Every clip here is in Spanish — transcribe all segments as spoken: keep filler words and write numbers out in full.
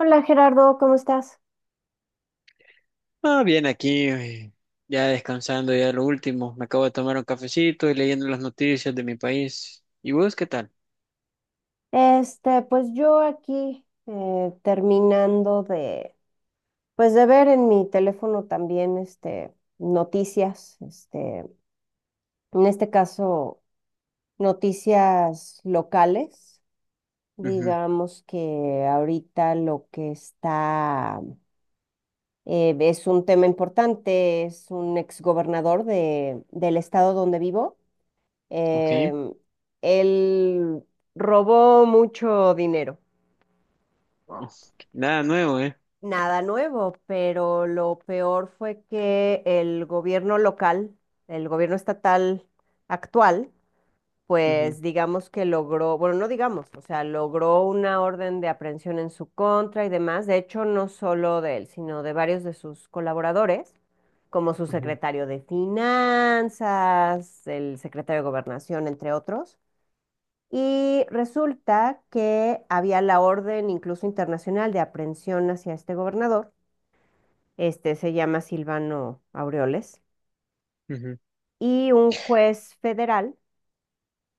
Hola Gerardo, ¿cómo estás? Ah, bien, aquí eh, ya descansando, ya lo último. Me acabo de tomar un cafecito y leyendo las noticias de mi país. ¿Y vos qué tal? Este, pues yo aquí eh, terminando de, pues de ver en mi teléfono también, este, noticias, este, en este caso, noticias locales. Ujú. Digamos que ahorita lo que está eh, es un tema importante, es un exgobernador de, del estado donde vivo. Ok. Em, él robó mucho dinero. Oh. Nada nuevo, ¿eh? Nada nuevo, pero lo peor fue que el gobierno local, el gobierno estatal actual, Ujú, pues digamos que logró, bueno, no digamos, o sea, logró una orden de aprehensión en su contra y demás, de hecho, no solo de él, sino de varios de sus colaboradores, como su ujú, secretario de Finanzas, el secretario de Gobernación, entre otros. Y resulta que había la orden incluso internacional de aprehensión hacia este gobernador. Este se llama Silvano Aureoles, ujú. y un juez federal,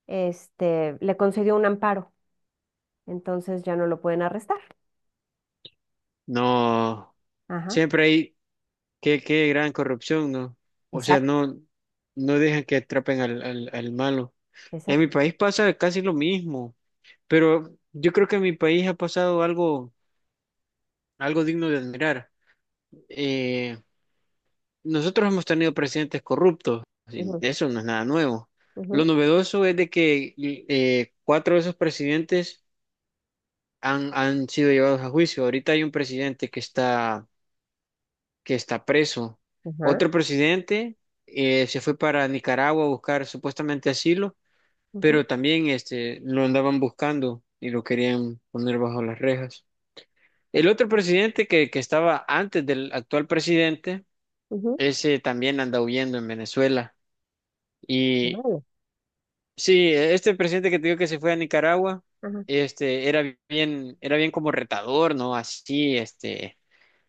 este, le concedió un amparo, entonces ya no lo pueden arrestar. No, Ajá, siempre hay qué, qué gran corrupción, ¿no? O sea, exacto, no, no dejan que atrapen al, al, al malo. En mi exacto. país pasa casi lo mismo, pero yo creo que en mi país ha pasado algo, algo digno de admirar. Eh, Nosotros hemos tenido presidentes corruptos, y Ujú, eso no es nada nuevo. Lo ujú, novedoso es de que eh, cuatro de esos presidentes han, han sido llevados a juicio. Ahorita hay un presidente que está, que está preso. ajá, Otro presidente eh, se fue para Nicaragua a buscar supuestamente asilo, ujú, pero también este, lo andaban buscando y lo querían poner bajo las rejas. El otro presidente que, que estaba antes del actual presidente, ujú, ese también anda huyendo en Venezuela. Y órale, Sí, este presidente que te digo que se fue a Nicaragua, ajá, este, era bien, era bien como retador, ¿no? Así, este,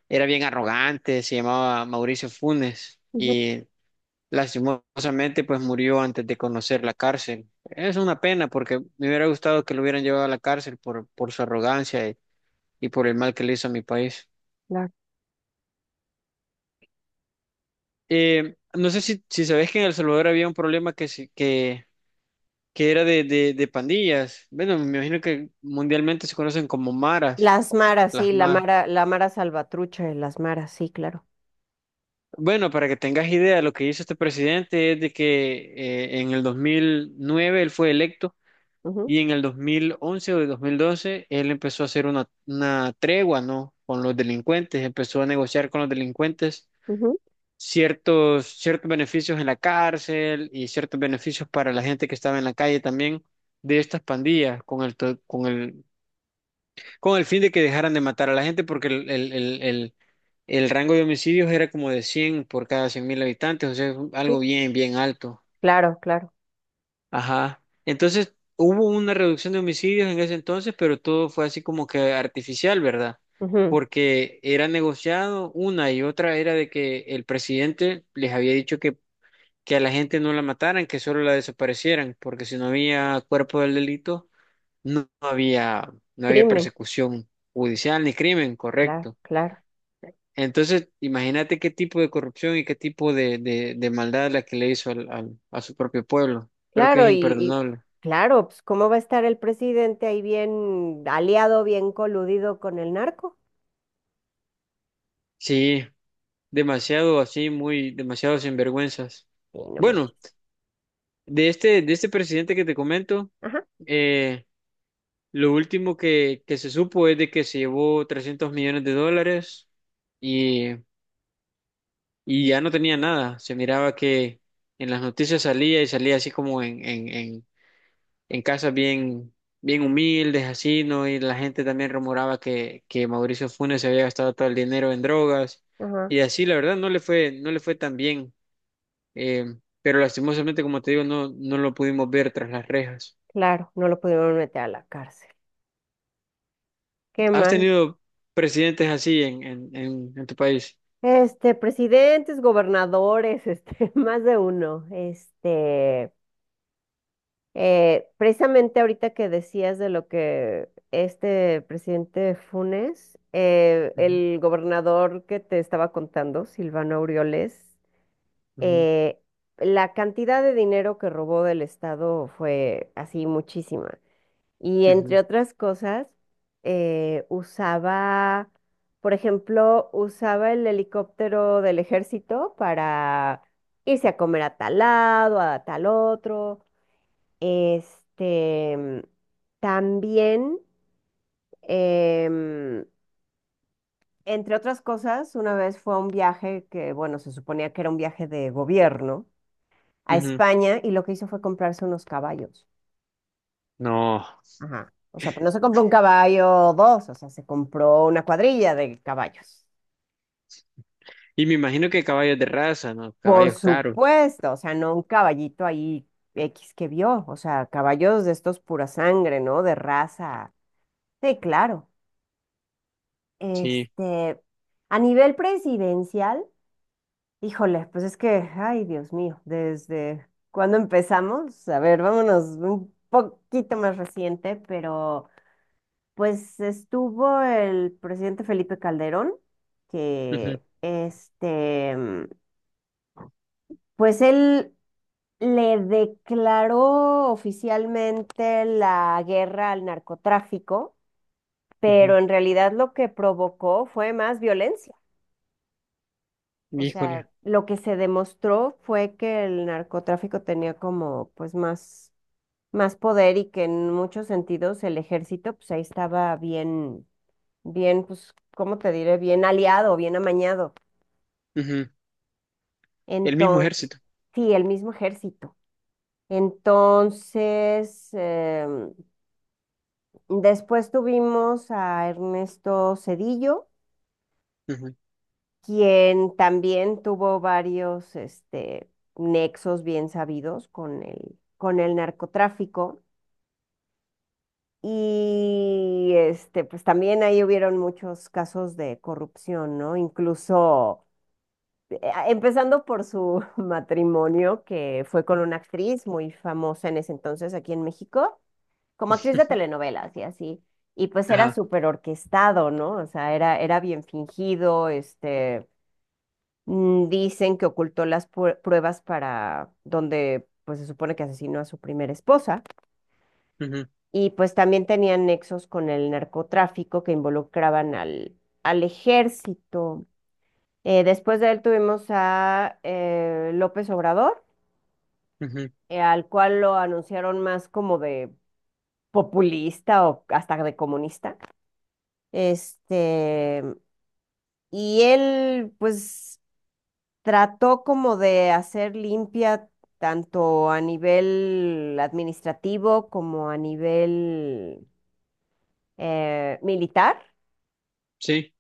era bien arrogante, se llamaba Mauricio Funes ujú, y lastimosamente pues murió antes de conocer la cárcel. Es una pena porque me hubiera gustado que lo hubieran llevado a la cárcel por, por su arrogancia y, y por el mal que le hizo a mi país. claro. Eh, no sé si, si sabes que en El Salvador había un problema que, se- que, que era de, de, de pandillas. Bueno, me imagino que mundialmente se conocen como maras. Las maras, Las sí, la más. mara, la mara salvatrucha de las maras, sí, claro. Bueno, para que tengas idea, lo que hizo este presidente es de que eh, en el dos mil nueve él fue electo y en el dos mil once o el dos mil doce él empezó a hacer una, una tregua, ¿no? Con los delincuentes, empezó a negociar con los delincuentes Ujú, ujú, ciertos, ciertos beneficios en la cárcel y ciertos beneficios para la gente que estaba en la calle también de estas pandillas con el, to- con el, con el fin de que dejaran de matar a la gente porque el, el, el, El rango de homicidios era como de cien por cada cien mil habitantes, o sea, es algo sí, bien, bien alto. claro, claro. Ajá. Entonces, hubo una reducción de homicidios en ese entonces, pero todo fue así como que artificial, ¿verdad? Ujú, Porque era negociado una y otra era de que el presidente les había dicho que, que a la gente no la mataran, que solo la desaparecieran, porque si no había cuerpo del delito, no no había, no había, crimen, persecución judicial ni crimen, claro, correcto. claro. Entonces, imagínate qué tipo de corrupción y qué tipo de, de, de maldad la que le hizo al, al- a su propio pueblo. Creo que es Claro, y, y imperdonable. claro, pues ¿cómo va a estar el presidente ahí bien aliado, bien coludido con el narco? Sí, demasiado así, muy, demasiado sinvergüenzas. Sí, no manches. Bueno, de este, de este presidente que te comento, Ajá, eh, lo último que, que se supo es de que se llevó trescientos millones de dólares y, y ya no tenía nada. Se miraba que en las noticias salía y salía así como en, en, en casas bien, bien humildes, así, ¿no? Y la gente también rumoraba que, que Mauricio Funes se había gastado todo el dinero en drogas ajá, y así, la verdad, no le fue, no le fue tan bien. Eh, pero lastimosamente, como te digo, no, no lo pudimos ver tras las rejas. claro, no lo pudieron meter a la cárcel. Qué ¿Has mal. tenido presidentes así en, en, en, en tu país? Este, presidentes, gobernadores, este, más de uno. Este, eh, precisamente ahorita que decías de lo que este presidente Funes, eh, Ujú, el gobernador que te estaba contando, Silvano Aureoles, ujú, eh, la cantidad de dinero que robó del Estado fue así muchísima. Y entre ujú, otras cosas, eh, usaba, por ejemplo, usaba el helicóptero del ejército para irse a comer a tal lado, a tal otro. Este, mm, también, em, entre otras cosas, una vez fue a un viaje que, bueno, se suponía que era un viaje de gobierno a ujú. España y lo que hizo fue comprarse unos caballos. No. Ajá. O sea, pero no se compró un caballo o dos, o sea, se compró una cuadrilla de caballos. Y me imagino que caballos de raza, ¿no? Por Caballos caros, supuesto, o sea, no un caballito ahí equis que vio, o sea, caballos de estos pura sangre, ¿no? De raza. Sí, claro. sí. Este, a nivel presidencial, híjole, pues es que, ay, Dios mío, desde cuándo empezamos, a ver, vámonos un poquito más reciente, pero pues estuvo el presidente Felipe Calderón, Ujú, que este, mm, pues él le declaró oficialmente la guerra al narcotráfico, ujú. pero en realidad lo que provocó fue más violencia. O Híjole. sea, lo que se demostró fue que el narcotráfico tenía como pues más, más poder y que en muchos sentidos el ejército pues ahí estaba bien bien, pues, ¿cómo te diré? Bien aliado, bien amañado. Ujú. El mismo Entonces, ejército. sí, el mismo ejército. Entonces, em, después tuvimos a Ernesto Cedillo, Ujú. quien también tuvo varios, este, nexos bien sabidos con el, con el narcotráfico. Y este, pues también ahí hubieron muchos casos de corrupción, ¿no? Incluso eh, empezando por su matrimonio, que fue con una actriz muy famosa en ese entonces aquí en México, como actriz de telenovelas y así. Y pues era Ajá. súper orquestado, ¿no? O sea, era, era bien fingido, este, mm, dicen que ocultó las pue- pruebas para donde, pues se supone que asesinó a su primera esposa. Ujú, Y pues también tenían nexos con el narcotráfico que involucraban al, al ejército. Eh, después de él tuvimos a eh, López Obrador ujú. eh, al cual lo anunciaron más como de populista o hasta de comunista. Este, y él, pues, trató como de hacer limpia tanto a nivel administrativo como a nivel eh, militar. Sí,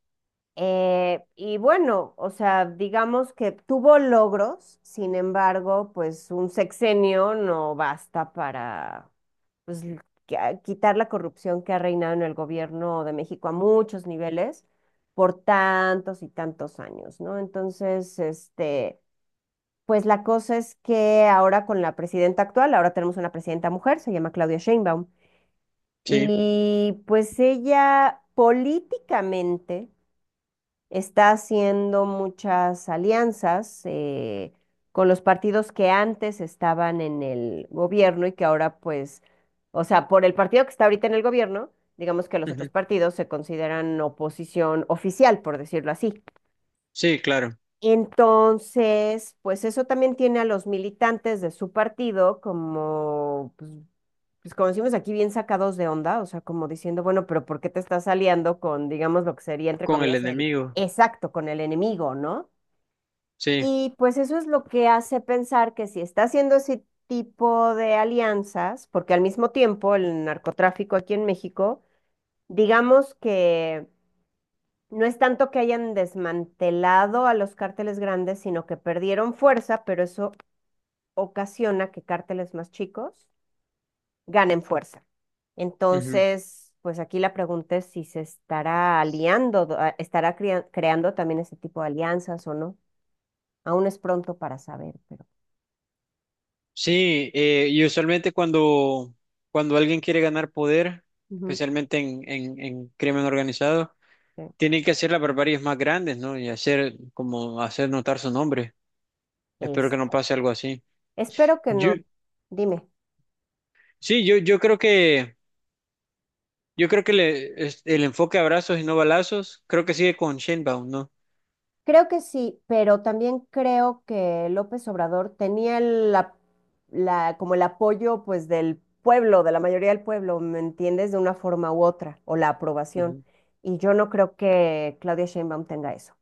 Eh, y bueno, o sea, digamos que tuvo logros, sin embargo, pues un sexenio no basta para pues, l- que- a- quitar la corrupción que ha reinado en el gobierno de México a muchos niveles por tantos y tantos años, ¿no? Entonces, este, pues la cosa es que ahora con la presidenta actual, ahora tenemos una presidenta mujer, se llama Claudia Sheinbaum, sí, y pues ella políticamente está haciendo muchas alianzas eh, con los partidos que antes estaban en el gobierno y que ahora pues, o sea, por el partido que está ahorita en el gobierno, digamos que los otros ujú. partidos se consideran oposición oficial, por decirlo así. Sí, claro, Entonces, pues eso también tiene a los militantes de su partido como, pues, pues como decimos aquí, bien sacados de onda, o sea, como diciendo, bueno, pero ¿por qué te estás aliando con, digamos, lo que sería, entre con el comillas, el. enemigo, Exacto, con el enemigo, ¿no? sí, Y pues eso es lo que hace pensar que si está haciendo ese tipo de alianzas, porque al mismo tiempo el narcotráfico aquí en México, digamos que no es tanto que hayan desmantelado a los cárteles grandes, sino que perdieron fuerza, pero eso ocasiona que cárteles más chicos ganen fuerza. ujú. Entonces, pues aquí la pregunta es si se estará aliando, a- estará crea- creando también ese tipo de alianzas o no. Aún es pronto para saber, pero. Sí, eh, y usualmente cuando, cuando alguien quiere ganar poder, Ujú, especialmente en, en, en crimen organizado, sí. tiene que hacer las barbaries más grandes, ¿no? Y hacer, como hacer notar su nombre. Espero que no Este, pase algo así. espero que Yo, no. Dime. sí, yo, yo creo que, yo creo que le- es- el enfoque abrazos y no balazos, creo que sigue con Shenbaum, ¿no? Creo que sí, pero también creo que López Obrador tenía el ap- la, como el apoyo pues del pueblo, de la mayoría del pueblo, ¿me entiendes? De una forma u otra, o la aprobación. Ujú, Y yo no creo que Claudia Sheinbaum tenga eso.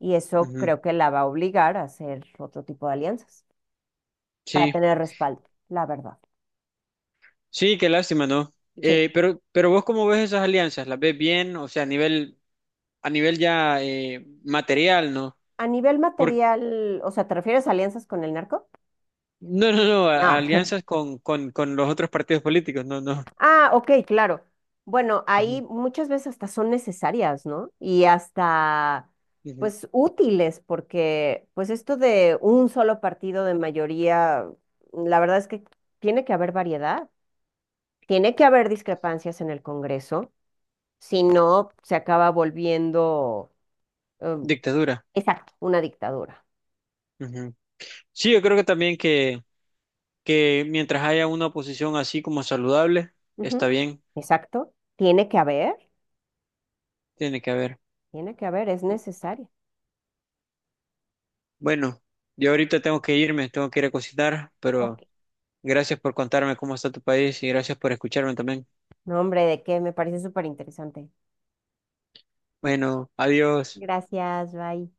Y eso ujú. creo que la va a obligar a hacer otro tipo de alianzas para Sí. tener respaldo, la verdad. Sí, qué lástima, ¿no? Sí. Eh, pero, pero vos cómo ves esas alianzas, ¿las ves bien? O sea, a nivel, a nivel ya eh, material, ¿no? A nivel Por, material, o sea, ¿te refieres a alianzas con el narco? no, no, no, a- No. alianzas con, con, con los otros partidos políticos, no, no. Ah, ok, claro. Bueno, ahí Ujú, muchas veces hasta son necesarias, ¿no? Y hasta, ujú. pues, útiles, porque, pues, esto de un solo partido de mayoría, la verdad es que tiene que haber variedad, tiene que haber discrepancias en el Congreso, si no, se acaba volviendo, em, Dictadura. exacto, una dictadura. Ujú. Sí, yo creo que también que, que mientras haya una oposición así como saludable, está Ujú. bien, Exacto, tiene que haber, tiene que haber. tiene que haber, es necesario. Bueno, yo ahorita tengo que irme, tengo que ir a cocinar, Ok. pero gracias por contarme cómo está tu país y gracias por escucharme también. No, hombre, ¿de qué? Me parece súper interesante. Bueno, adiós. Gracias, bye.